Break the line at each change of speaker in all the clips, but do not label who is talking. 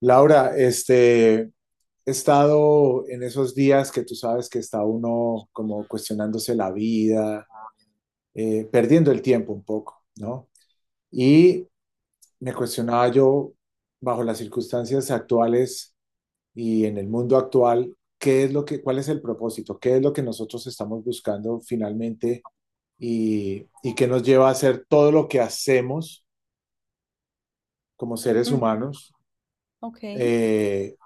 Laura, he estado en esos días que tú sabes que está uno como cuestionándose la vida, perdiendo el tiempo un poco, ¿no? Y me cuestionaba yo, bajo las circunstancias actuales y en el mundo actual, ¿qué es lo que, cuál es el propósito? ¿Qué es lo que nosotros estamos buscando finalmente y qué nos lleva a hacer todo lo que hacemos como seres
Ujú,
humanos?
ok.
Eh,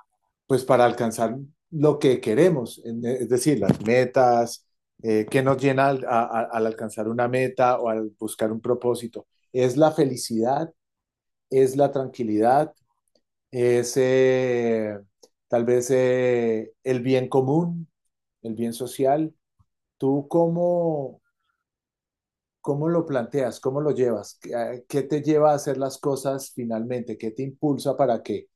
pues para alcanzar lo que queremos, es decir, las metas, qué nos llena al alcanzar una meta o al buscar un propósito. Es la felicidad, es la tranquilidad, es tal vez el bien común, el bien social. ¿Tú cómo, cómo lo planteas? ¿Cómo lo llevas? Qué te lleva a hacer las cosas finalmente? ¿Qué te impulsa para que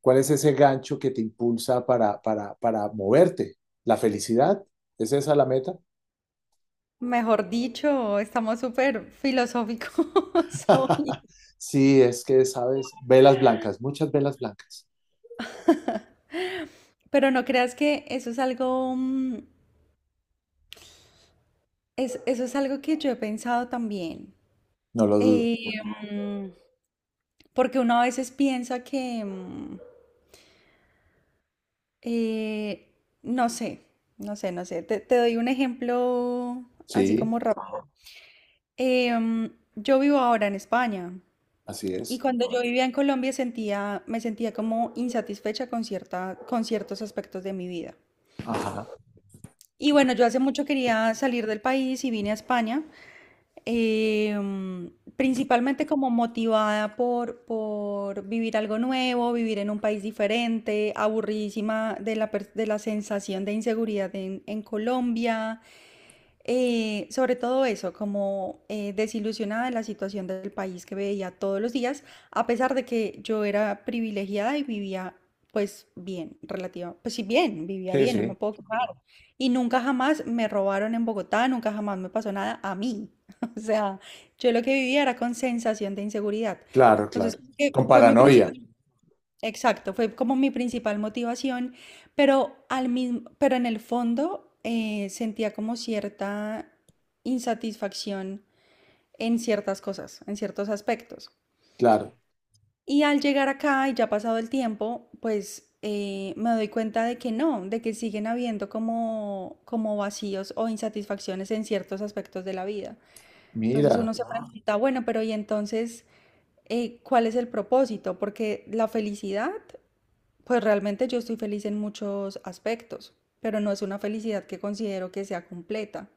¿cuál es ese gancho que te impulsa para moverte? ¿La felicidad? ¿Es esa la meta?
Mejor dicho, estamos súper filosóficos hoy.
Sí, es que, ¿sabes? Velas blancas, muchas velas blancas.
Pero no creas que eso es algo, eso es algo que yo he pensado también.
No lo dudo.
Eh, mm, Porque uno a veces piensa que, eh, no sé, no sé, no sé. Te doy un ejemplo así
Sí,
como rápido. Yo vivo ahora en España.
así
Y
es.
cuando yo vivía en Colombia me sentía como insatisfecha con con ciertos aspectos de mi vida.
Ajá.
Y bueno, yo hace mucho quería salir del país y vine a España, principalmente como motivada por vivir algo nuevo, vivir en un país diferente, aburridísima de la sensación de inseguridad en Colombia, sobre todo eso, como desilusionada de la situación del país que veía todos los días, a pesar de que yo era privilegiada y vivía pues bien, relativa, pues sí bien, vivía
Sí,
bien, no me
sí.
puedo quejar. Y nunca jamás me robaron en Bogotá, nunca jamás me pasó nada a mí. O sea, yo lo que vivía era con sensación de inseguridad.
Claro,
Entonces,
claro.
como que
Con
fue mi
paranoia.
principal. Exacto, fue como mi principal motivación, pero pero en el fondo sentía como cierta insatisfacción en ciertas cosas, en ciertos aspectos.
Claro.
Y al llegar acá y ya pasado el tiempo, pues me doy cuenta de que no, de que siguen habiendo como, como vacíos o insatisfacciones en ciertos aspectos de la vida. Entonces
Mira.
uno se, wow, pregunta, bueno, pero ¿y entonces cuál es el propósito? Porque la felicidad pues realmente yo estoy feliz en muchos aspectos, pero no es una felicidad que considero que sea completa.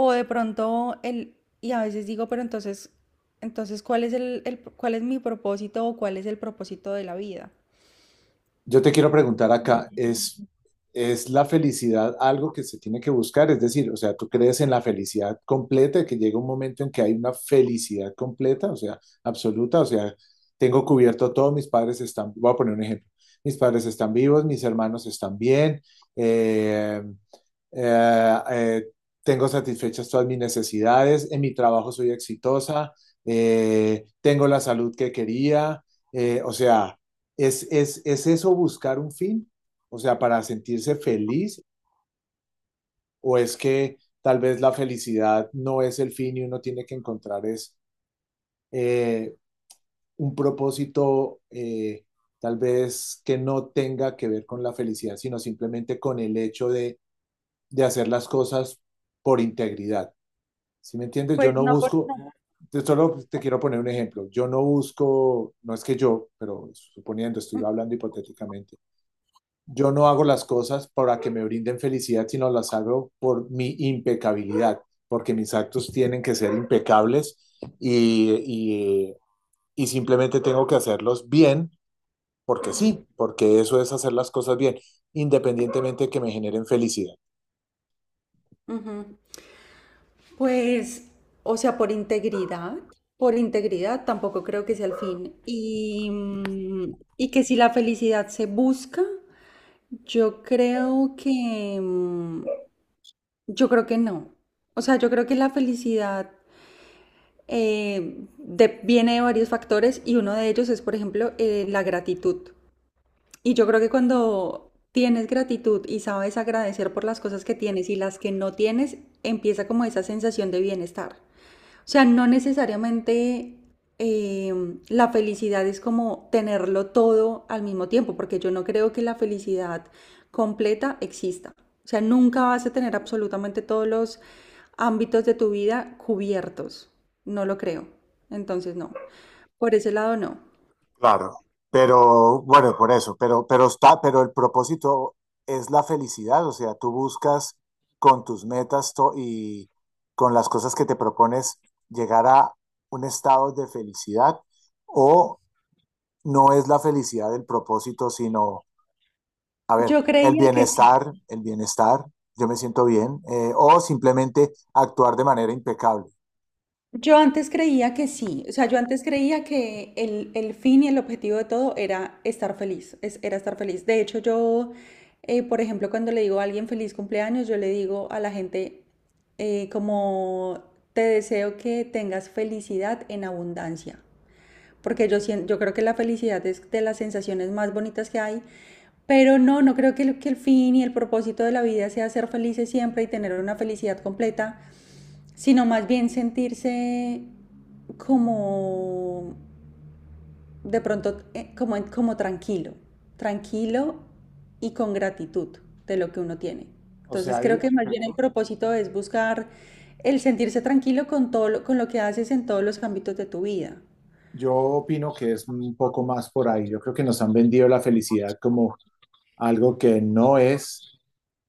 O de pronto el, Y a veces digo, pero entonces, cuál es mi propósito o cuál es el propósito de la vida?
Yo te quiero preguntar acá, es la felicidad algo que se tiene que buscar? Es decir, o sea, ¿tú crees en la felicidad completa, que llega un momento en que hay una felicidad completa, o sea, absoluta? O sea, tengo cubierto todo, mis padres están, voy a poner un ejemplo, mis padres están vivos, mis hermanos están bien, eh, eh, eh, tengo satisfechas todas mis necesidades, en mi trabajo soy exitosa, tengo la salud que quería, o sea, ¿es eso buscar un fin? O sea, para sentirse feliz, o es que tal vez la felicidad no es el fin y uno tiene que encontrar es eh, un propósito tal vez que no tenga que ver con la felicidad, sino simplemente con el hecho de hacer las cosas por integridad. Si me entiendes, yo
Pues
no
no, por,
busco,
no.
solo te quiero poner un ejemplo. Yo no busco, no es que yo, pero suponiendo, estoy hablando hipotéticamente. Yo no hago las cosas para que me brinden felicidad, sino las hago por mi impecabilidad, porque mis actos tienen que ser impecables y simplemente tengo que hacerlos bien, porque
Ujú,
sí, porque eso es hacer las cosas bien, independientemente de que me generen felicidad.
ujú. Pues, o sea, por integridad tampoco creo que sea el fin. Y que si la felicidad se busca, yo creo que, mm, Yo creo que no. O sea, yo creo que la felicidad viene de varios factores y uno de ellos es, por ejemplo, la gratitud. Y yo creo que cuando tienes gratitud y sabes agradecer por las cosas que tienes y las que no tienes, empieza como esa sensación de bienestar. O sea, no necesariamente la felicidad es como tenerlo todo al mismo tiempo, porque yo no creo que la felicidad completa exista. O sea, nunca vas a tener absolutamente todos los ámbitos de tu vida cubiertos. No lo creo. Entonces, no. Por ese lado, no.
Claro, pero bueno, por eso, pero está, pero el propósito es la felicidad, o sea, tú buscas con tus metas con las cosas que te propones llegar a un estado de felicidad o no es la felicidad el propósito, sino, a ver,
Yo creía que sí.
el bienestar, yo me siento bien, o simplemente actuar de manera impecable.
Yo antes creía que sí, o sea, yo antes creía que el fin y el objetivo de todo era estar feliz, era estar feliz. De hecho, yo, por ejemplo, cuando le digo a alguien feliz cumpleaños, yo le digo a la gente como te deseo que tengas felicidad en abundancia, porque yo creo que la felicidad es de las sensaciones más bonitas que hay, pero no creo que que el fin y el propósito de la vida sea ser felices siempre y tener una felicidad completa, sino más bien sentirse como de pronto como tranquilo, tranquilo y con gratitud de lo que uno tiene.
O
Entonces
sea, yo
creo que más bien el propósito es buscar el sentirse tranquilo con lo que haces en todos los ámbitos de tu vida.
yo opino que es un poco más por ahí. Yo creo que nos han vendido la felicidad como algo que no es,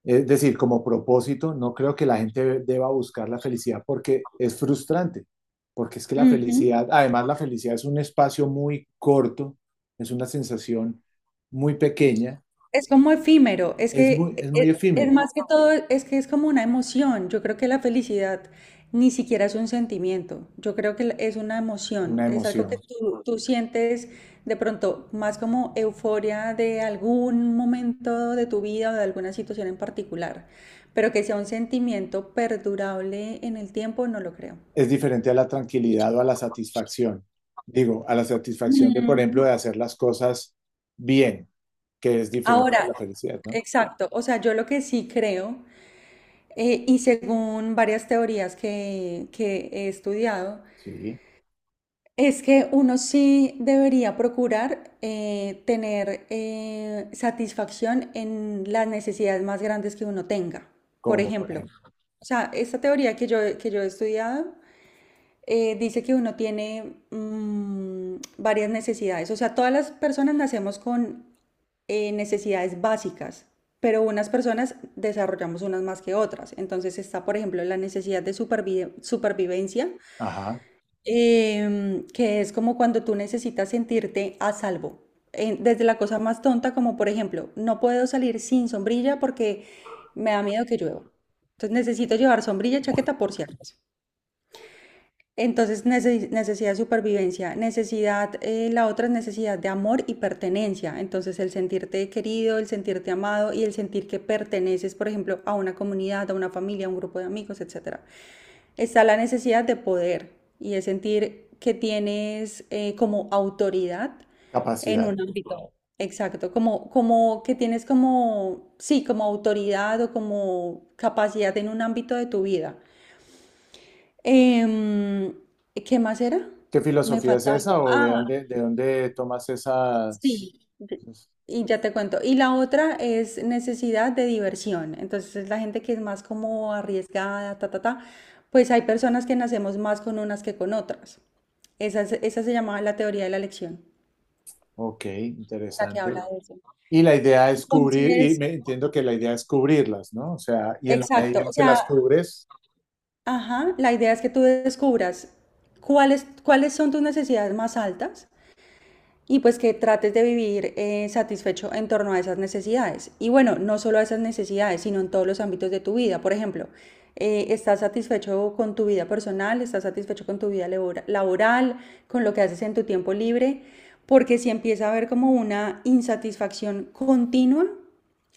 es decir, como propósito, no creo que la gente deba buscar la felicidad porque es frustrante, porque es que la
Ujú.
felicidad, además la felicidad es un espacio muy corto, es una sensación muy pequeña,
Es como efímero, es que
es muy
es,
efímera
más que todo, es que es como una emoción. Yo creo que la felicidad ni siquiera es un sentimiento, yo creo que es una emoción,
una
es algo que
emoción,
tú sientes de pronto más como euforia de algún momento de tu vida o de alguna situación en particular, pero que sea un sentimiento perdurable en el tiempo, no lo creo.
es diferente a la tranquilidad o a la satisfacción, digo, a la satisfacción de, por
Mm,
ejemplo, de hacer las cosas bien, que es diferente a
Ahora,
la felicidad, ¿no?
exacto. O sea, yo lo que sí creo. Y según varias teorías que he estudiado,
Sí,
es que uno sí debería procurar tener satisfacción en las necesidades más grandes que uno tenga. Por
como por
ejemplo,
ejemplo,
o sea, esta teoría que yo he estudiado dice que uno tiene varias necesidades. O sea, todas las personas nacemos con necesidades básicas, pero unas personas desarrollamos unas más que otras. Entonces está, por ejemplo, la necesidad de supervivencia,
ajá,
que es como cuando tú necesitas sentirte a salvo. Desde la cosa más tonta, como por ejemplo, no puedo salir sin sombrilla porque me da miedo que llueva. Entonces necesito llevar sombrilla y chaqueta por si acaso. Entonces, necesidad de supervivencia, la otra es necesidad de amor y pertenencia. Entonces, el sentirte querido, el sentirte amado y el sentir que perteneces, por ejemplo, a una comunidad, a una familia, a un grupo de amigos, etcétera. Está la necesidad de poder y es sentir que tienes como autoridad en
capacidad.
un ámbito. Exacto, como que tienes como, sí, como autoridad o como capacidad en un ámbito de tu vida. Em, ¿Qué más era?
¿Qué
Me
filosofía es
falta algo.
esa o
Ah,
de dónde tomas esas?
sí.
Esas-
Y ya te cuento. Y la otra es necesidad de diversión. Entonces es la gente que es más como arriesgada, ta, ta, ta. Pues hay personas que nacemos más con unas que con otras. Esa se llamaba la teoría de la elección,
Ok,
la que
interesante.
habla de eso.
Y la idea es cubrir, y
Entonces,
me entiendo que la idea es cubrirlas, ¿no? O sea, y en la
exacto.
medida en
O
que las
sea,
cubres,
ajá, la idea es que tú descubras cuáles son tus necesidades más altas y pues que trates de vivir satisfecho en torno a esas necesidades. Y bueno, no solo a esas necesidades, sino en todos los ámbitos de tu vida. Por ejemplo, estás satisfecho con tu vida personal, estás satisfecho con tu vida laboral, con lo que haces en tu tiempo libre, porque si empieza a haber como una insatisfacción continua,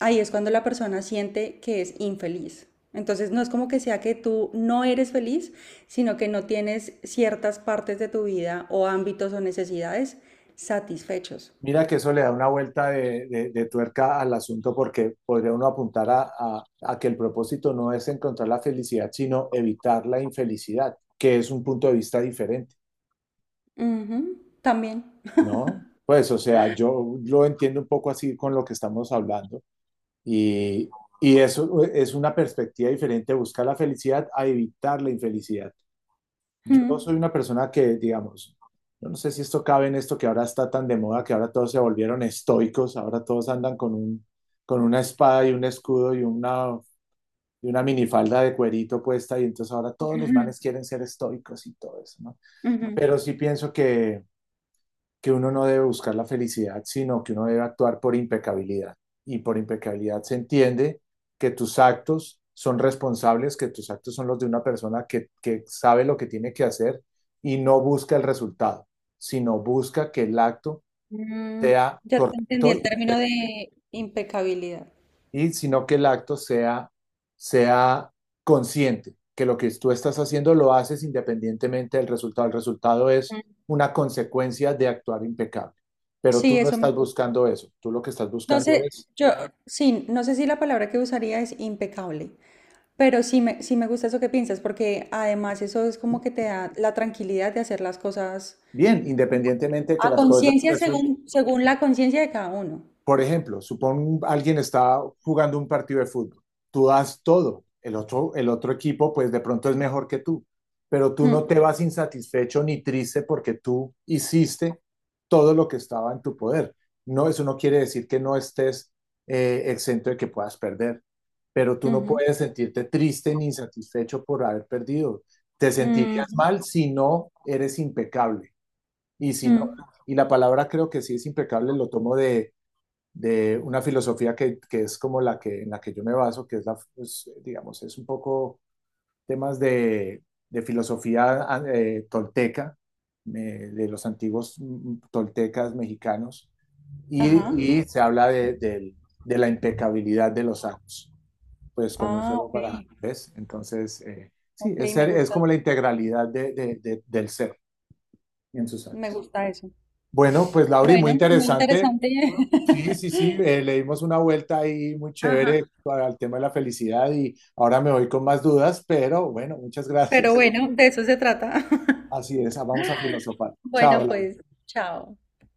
ahí es cuando la persona siente que es infeliz. Entonces no es como que sea que tú no eres feliz, sino que no tienes ciertas partes de tu vida o ámbitos o necesidades satisfechos.
mira que eso le da una vuelta de tuerca al asunto porque podría uno apuntar a que el propósito no es encontrar la felicidad, sino evitar la infelicidad, que es un punto de vista diferente,
Ujú, también.
¿no? Pues, o sea, yo lo entiendo un poco así con lo que estamos hablando. Y, y eso es una perspectiva diferente, buscar la felicidad a evitar la infelicidad.
Ujú,
Yo soy una persona que, digamos, yo no sé si esto cabe en esto que ahora está tan de moda, que ahora todos se volvieron estoicos, ahora todos andan con una espada y un escudo y una minifalda de cuerito puesta, y entonces ahora todos los
ujú.
manes quieren ser estoicos y todo eso, ¿no?
Ujú.
Pero sí pienso que uno no debe buscar la felicidad, sino que uno debe actuar por impecabilidad. Y por impecabilidad se entiende que tus actos son responsables, que tus actos son los de una persona que sabe lo que tiene que hacer y no busca el resultado, sino busca que el acto
Mm,
sea
ya te entendí
correcto
el término de impecabilidad.
y sino que sea consciente, que lo que tú estás haciendo lo haces independientemente del resultado. El resultado es una consecuencia de actuar impecable, pero
Sí,
tú no
eso me
estás
gusta.
buscando eso, tú lo que estás
No
buscando
sé,
es,
yo, sí, no sé si la palabra que usaría es impecable. Pero sí me gusta eso que piensas, porque además eso es como que te da la tranquilidad de hacer las cosas
bien, independientemente de que
a
las cosas
conciencia
resulten.
según la conciencia de cada uno.
Por ejemplo, supón alguien está jugando un partido de fútbol. Tú das todo. El otro equipo, pues de pronto es mejor que tú. Pero tú no
Mm,
te vas insatisfecho ni triste porque tú hiciste todo lo que estaba en tu poder. No, eso no quiere decir que no estés exento de que puedas perder. Pero tú no
ujú,
puedes sentirte triste ni insatisfecho por haber perdido. Te sentirías
ujú,
mal si no eres impecable. Y si no,
mm,
y la palabra creo que sí es impecable, lo tomo de una filosofía que es como en la que yo me baso, que es la, pues, digamos, es un poco temas de filosofía tolteca, eh, de los antiguos toltecas mexicanos,
ajá.
y se habla de la impecabilidad de los actos, pues como
Ah,
solo para,
ok.
¿ves? Entonces, sí,
Ok,
es como la integralidad del ser en sus
me
actos.
gusta eso.
Bueno, pues Lauri, muy
Bueno, muy
interesante.
interesante.
Sí, sí, sí, le dimos una vuelta ahí muy chévere
Ajá.
para el tema de la felicidad y ahora me voy con más dudas, pero bueno, muchas
Pero
gracias.
bueno, de eso se trata.
Así es, vamos a filosofar. Chao,
Bueno,
Laura.
pues, chao.